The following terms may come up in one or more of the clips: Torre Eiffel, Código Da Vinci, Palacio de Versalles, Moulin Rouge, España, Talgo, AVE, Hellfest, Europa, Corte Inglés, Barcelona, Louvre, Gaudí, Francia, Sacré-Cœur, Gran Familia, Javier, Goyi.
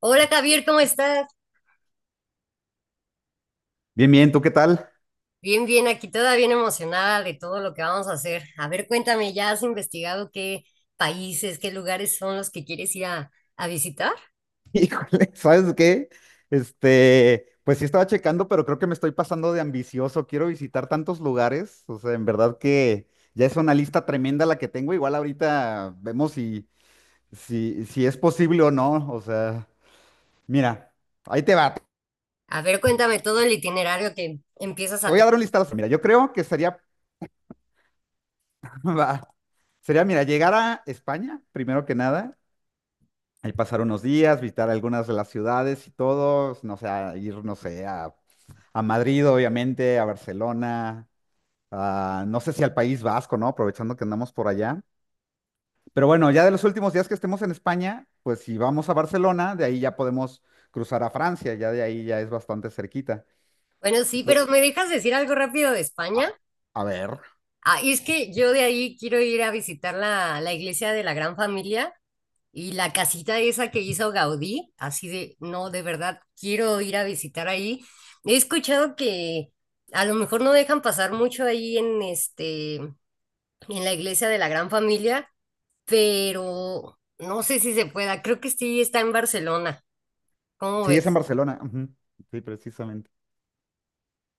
Hola Javier, ¿cómo estás? Bien, bien, ¿tú qué tal? Bien, bien, aquí toda bien emocionada de todo lo que vamos a hacer. A ver, cuéntame, ¿ya has investigado qué países, qué lugares son los que quieres ir a visitar? Híjole, ¿sabes qué? Pues sí estaba checando, pero creo que me estoy pasando de ambicioso. Quiero visitar tantos lugares. O sea, en verdad que ya es una lista tremenda la que tengo. Igual ahorita vemos si es posible o no. O sea, mira, ahí te va. Te A ver, cuéntame todo el itinerario que empiezas a voy a dar tener. un listado. Mira, yo creo que sería, va, sería, mira, llegar a España, primero que nada. Ahí pasar unos días, visitar algunas de las ciudades y todo, no sé, a ir, no sé, a Madrid, obviamente, a Barcelona, no sé si al País Vasco, ¿no? Aprovechando que andamos por allá. Pero bueno, ya de los últimos días que estemos en España, pues si vamos a Barcelona, de ahí ya podemos cruzar a Francia, ya de ahí ya es bastante cerquita. Bueno, sí, pero ¿me dejas decir algo rápido de A, España? a ver, Ah, y es que yo de ahí quiero ir a visitar la iglesia de la Gran Familia y la casita esa que hizo Gaudí, así de, no, de verdad, quiero ir a visitar ahí. He escuchado que a lo mejor no dejan pasar mucho ahí en este, en la iglesia de la Gran Familia, pero no sé si se pueda. Creo que sí está en Barcelona. ¿Cómo sí, es en ves? Barcelona. Ujú, sí, precisamente.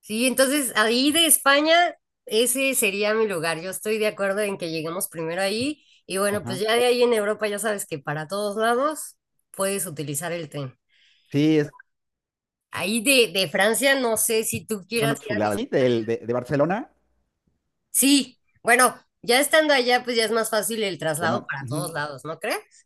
Sí, entonces ahí de España, ese sería mi lugar. Yo estoy de acuerdo en que lleguemos primero ahí. Y bueno, pues Ajá. ya de ahí en Europa, ya sabes que para todos lados puedes utilizar el tren. Sí, es, Ahí de Francia, no sé si tú es una quieras ir a chulada. visitar. Y del- de, de Barcelona, Sí, bueno, ya estando allá, pues ya es más fácil el traslado bueno, para todos ujú, lados, ¿no crees?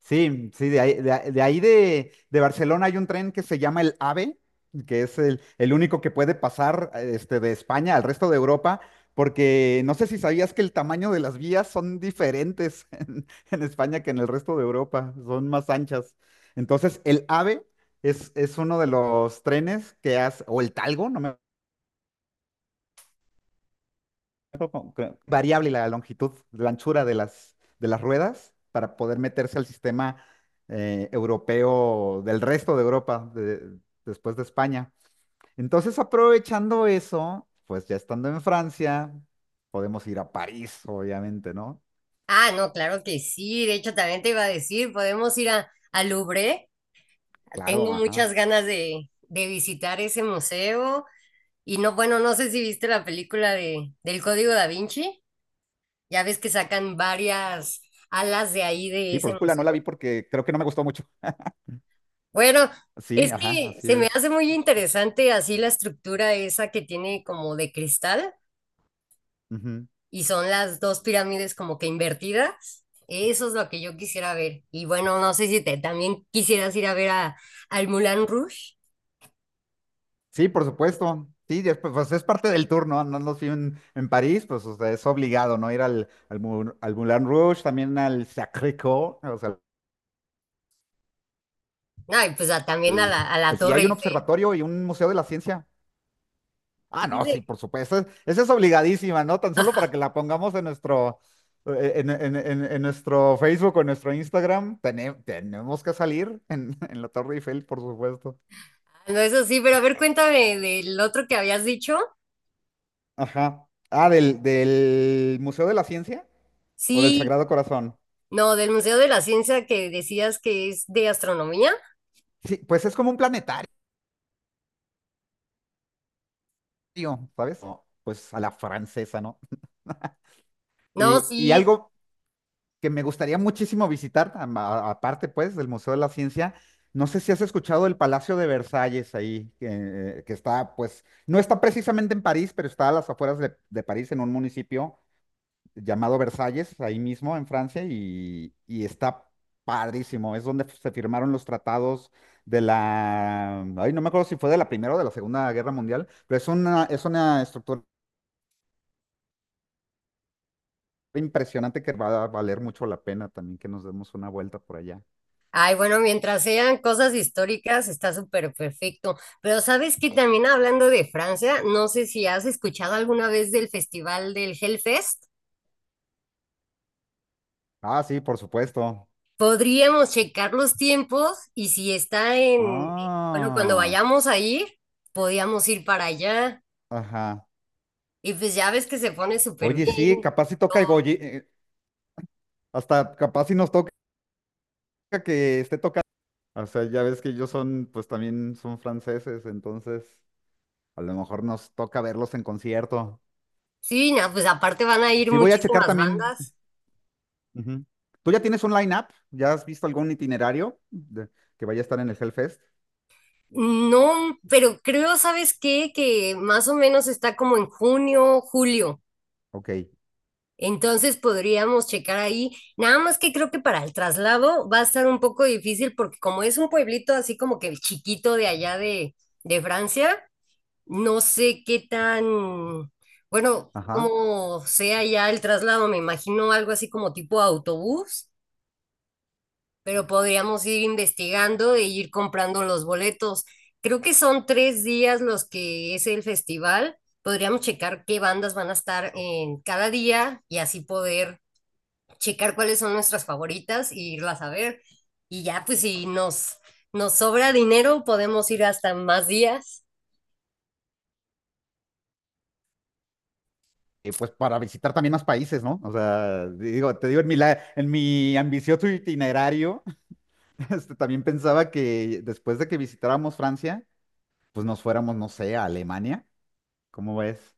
sí, sí, de ahí de Barcelona hay un tren que se llama el AVE, que es el único que puede pasar de España al resto de Europa, porque no sé si sabías que el tamaño de las vías son diferentes en España que en el resto de Europa, son más anchas. Entonces, el AVE es uno de los trenes que hace, o el Talgo, no me no, cre- variable la longitud, la anchura de las ruedas para poder meterse al sistema europeo del resto de Europa, después de España. Entonces, aprovechando eso, pues ya estando en Francia, podemos ir a París, obviamente, ¿no? Ah, no, claro que sí. De hecho, también te iba a decir, podemos ir al Louvre. Tengo Claro, ajá. muchas ganas de visitar ese museo. Y no, bueno, no sé si viste la película del Código Da Vinci. Ya ves que sacan varias alas de ahí de Sí, por ese supuesto, no la museo. vi porque creo que no me gustó mucho. Bueno, Sí, es ajá, que así se me es. hace muy interesante así la estructura esa que tiene como de cristal Ujú. y son las dos pirámides como que invertidas. Eso es lo que yo quisiera ver. Y bueno, no sé si te también quisieras ir a ver al Moulin Rouge. Sí, por supuesto. Sí, después, pues, es parte del tour, ¿no? Andando así en París, pues o sea, es obligado, ¿no? Ir al Moulin Rouge, también al Sacré-Cœur, o sea, No, y pues también a al- la si Torre hay un Eiffel. observatorio y un museo de la ciencia. Ah, no, sí, Dice, por supuesto. Esa es obligadísima, ¿no? Tan solo para que la pongamos en nuestro, en nuestro Facebook o en nuestro Instagram, tenemos que salir en, en la Torre Eiffel, por supuesto. ah, no, eso sí, pero a ver, cuéntame del otro que habías dicho. Ajá. Ah, del Museo de la Ciencia o del Sí, Sagrado Corazón. no, del Museo de la Ciencia que decías que es de astronomía. Sí, pues es como un planetario, ¿sabes? Oh, pues a la francesa, ¿no? No, Y sí. algo que me gustaría muchísimo visitar, aparte pues del Museo de la Ciencia, no sé si has escuchado el Palacio de Versalles ahí, que está pues, no está precisamente en París, pero está a las afueras de París, en un municipio llamado Versalles, ahí mismo en Francia, y está padrísimo, es donde se firmaron los tratados de la, ay, no me acuerdo si fue de la Primera o de la Segunda Guerra Mundial. Pero es una estructura impresionante que va a valer mucho la pena también que nos demos una vuelta por allá. Ay, bueno, mientras sean cosas históricas, está súper perfecto. Pero sabes que también hablando de Francia, no sé si has escuchado alguna vez del festival del Hellfest. Ah, sí, por supuesto. Podríamos checar los tiempos y si está bueno, cuando Ah, vayamos a ir, podíamos ir para allá. ajá. Y pues ya ves que se pone súper Oye, sí, bien. capaz si toca el Goyi, hasta capaz si nos toca que esté tocando. O sea, ya ves que ellos son, pues también son franceses, entonces a lo mejor nos toca verlos en concierto. Sí, no, pues aparte van a ir Sí, voy a checar muchísimas también. bandas. Ujú. ¿Tú ya tienes un line-up? ¿Ya has visto algún itinerario que vaya a estar en el Hellfest? No, pero creo, ¿sabes qué? Que más o menos está como en junio, julio. Ok, Entonces podríamos checar ahí, nada más que creo que para el traslado va a estar un poco difícil porque como es un pueblito así como que chiquito de allá de Francia, no sé qué tan, bueno, ajá. cómo sea ya el traslado, me imagino algo así como tipo autobús, pero podríamos ir investigando e ir comprando los boletos. Creo que son tres días los que es el festival. Podríamos checar qué bandas van a estar en cada día y así poder checar cuáles son nuestras favoritas e irlas a ver. Y ya, pues si nos, nos sobra dinero, podemos ir hasta más días. Pues para visitar también más países, ¿no? O sea, digo, te digo, en mi, en mi ambicioso itinerario, también pensaba que después de que visitáramos Francia, pues nos fuéramos, no sé, a Alemania, ¿cómo ves?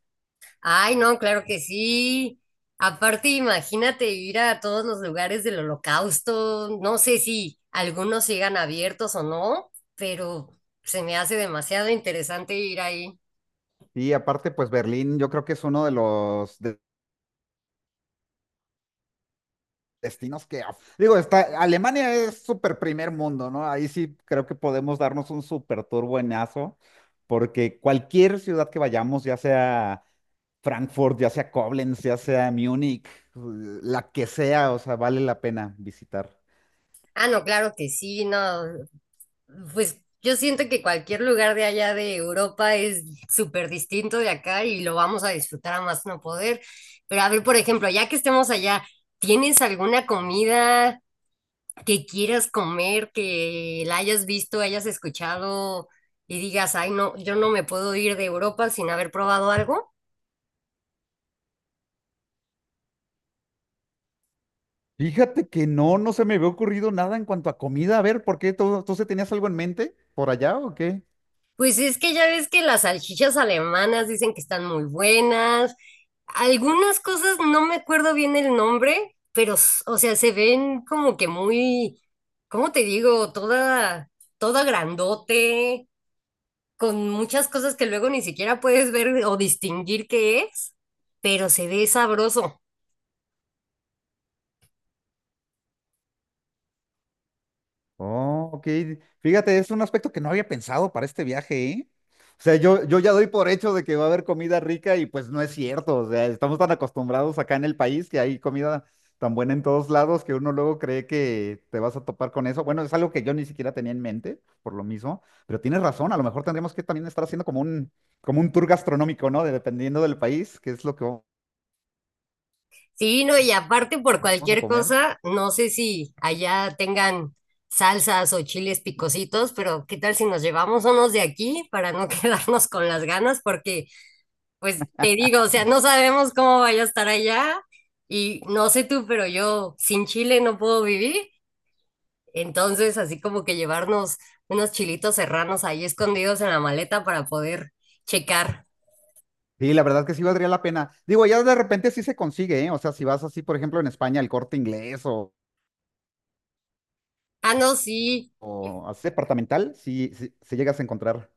Ay, no, claro que sí. Aparte, imagínate ir a todos los lugares del holocausto. No sé si algunos sigan abiertos o no, pero se me hace demasiado interesante ir ahí. Y aparte, pues Berlín, yo creo que es uno de los destinos que, ah, digo, está, Alemania es súper primer mundo, ¿no? Ahí sí creo que podemos darnos un súper tour buenazo, porque cualquier ciudad que vayamos, ya sea Frankfurt, ya sea Koblenz, ya sea Múnich, la que sea, o sea, vale la pena visitar. Ah, no, claro que sí, no, pues yo siento que cualquier lugar de allá de Europa es súper distinto de acá y lo vamos a disfrutar a más no poder. Pero a ver, por ejemplo, ya que estemos allá, ¿tienes alguna comida que quieras comer, que la hayas visto, hayas escuchado y digas, ay, no, yo no me puedo ir de Europa sin haber probado algo? Fíjate que no, no se me había ocurrido nada en cuanto a comida. A ver, ¿por qué? ¿Tú se tenías algo en mente por allá o qué? Pues es que ya ves que las salchichas alemanas dicen que están muy buenas. Algunas cosas no me acuerdo bien el nombre, pero, o sea, se ven como que muy, ¿cómo te digo? Toda grandote, con muchas cosas que luego ni siquiera puedes ver o distinguir qué es, pero se ve sabroso. Oh, ok. Fíjate, es un aspecto que no había pensado para este viaje, ¿eh? O sea, yo ya doy por hecho de que va a haber comida rica y pues no es cierto. O sea, estamos tan acostumbrados acá en el país que hay comida tan buena en todos lados que uno luego cree que te vas a topar con eso. Bueno, es algo que yo ni siquiera tenía en mente, por lo mismo, pero tienes razón, a lo mejor tendríamos que también estar haciendo como un tour gastronómico, ¿no? Dependiendo del país, qué es lo que Sí, no, y aparte por vamos a cualquier comer. cosa, no sé si allá tengan salsas o chiles picositos, pero ¿qué tal si nos llevamos unos de aquí para no quedarnos con las ganas? Porque pues te digo, o sea, no sabemos cómo vaya a estar allá y no sé tú, pero yo sin chile no puedo vivir. Entonces, así como que llevarnos unos chilitos serranos ahí escondidos en la maleta para poder checar. Sí, la verdad que sí valdría la pena. Digo, ya de repente sí se consigue, ¿eh? O sea, si vas así, por ejemplo, en España, el Corte Inglés Ah, no, sí. o así departamental, sí llegas a encontrar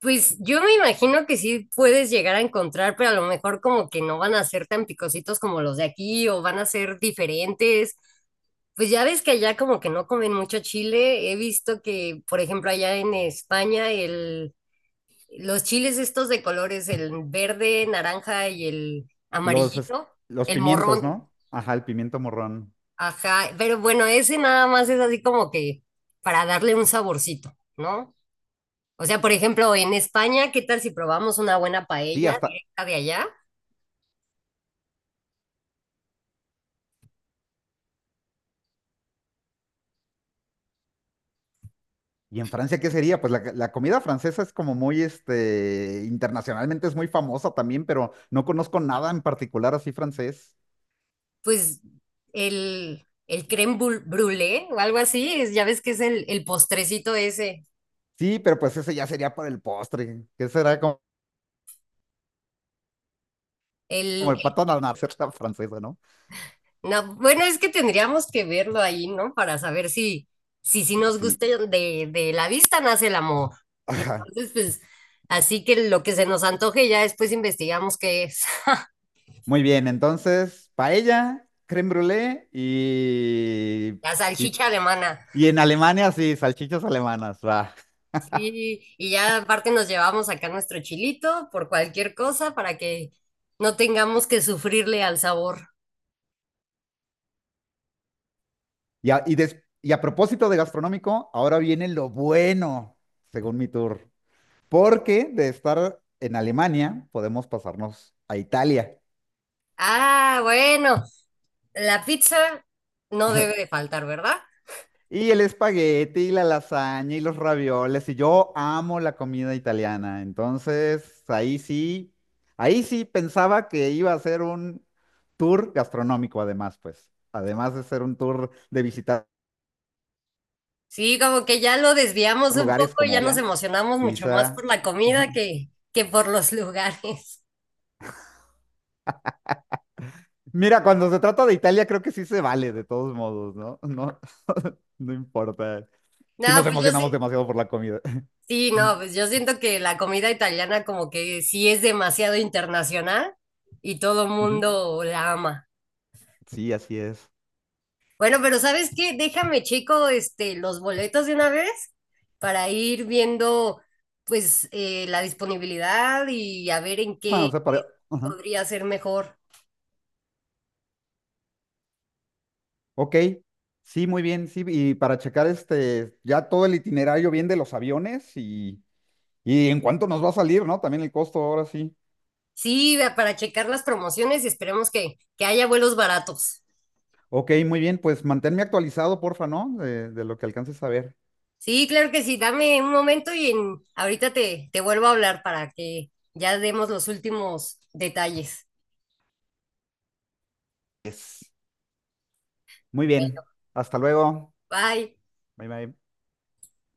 Pues yo me imagino que sí puedes llegar a encontrar, pero a lo mejor como que no van a ser tan picositos como los de aquí o van a ser diferentes. Pues ya ves que allá como que no comen mucho chile. He visto que, por ejemplo, allá en España el los chiles estos de colores, el verde, naranja y el los, es- amarillito, los el pimientos, morrón, ¿no? Ajá, el pimiento morrón. ajá, pero bueno, ese nada más es así como que para darle un saborcito, ¿no? O sea, por ejemplo, en España, ¿qué tal si probamos una buena Sí, paella hasta... directa de allá? ¿Y en Francia qué sería? Pues la comida francesa es como muy, internacionalmente es muy famosa también, pero no conozco nada en particular así francés. Pues el crème brûlée o algo así, ya ves que es el postrecito ese, Sí, pero pues ese ya sería por el postre, que será como, como el, el pato a la francesa, ¿no? no, bueno, es que tendríamos que verlo ahí, ¿no? Para saber si nos Sí. gusta de la vista nace el amor. Y Ajá. entonces, pues, así que lo que se nos antoje ya después investigamos qué es. Muy bien, entonces, paella, crème brûlée y, La y, salchicha alemana. y en Alemania, sí, salchichas alemanas, va. Sí, y ya aparte nos llevamos acá nuestro chilito por cualquier cosa para que no tengamos que sufrirle al sabor. Y a, y des- y a propósito de gastronómico, ahora viene lo bueno, según mi tour, porque de estar en Alemania podemos pasarnos a Italia. Ah, bueno, la pizza no debe de faltar, ¿verdad? Y el espagueti y la lasaña y los ravioles. Y yo amo la comida italiana. Entonces, ahí sí pensaba que iba a ser un tour gastronómico, además, pues. Además de ser un tour de visitar Sí, como que ya lo desviamos un lugares poco y ya como nos Italia, emocionamos mucho más por Pisa. la comida que por los lugares. Mira, cuando se trata de Italia, creo que sí se vale, de todos modos, ¿no? No, no importa. No, Si nos pues yo sí, emocionamos demasiado por la comida. sí, no, pues yo siento que la comida italiana como que sí es demasiado internacional y todo Ujú. mundo la ama. Sí, así es. Bueno, pero ¿sabes qué? Déjame checo este, los boletos de una vez para ir viendo pues la disponibilidad y a ver en Bueno, o qué sea, para... ajá. podría ser mejor. Ok, sí, muy bien, sí, y para checar ya todo el itinerario bien de los aviones y en cuánto nos va a salir, ¿no? También el costo, ahora sí. Sí, vea, para checar las promociones y esperemos que haya vuelos baratos. Ok, muy bien, pues manténme actualizado, porfa, ¿no? De lo que alcances a ver. Sí, claro que sí, dame un momento y ahorita te vuelvo a hablar para que ya demos los últimos detalles. Es. Muy bien, hasta luego. Bye. Bye, bye.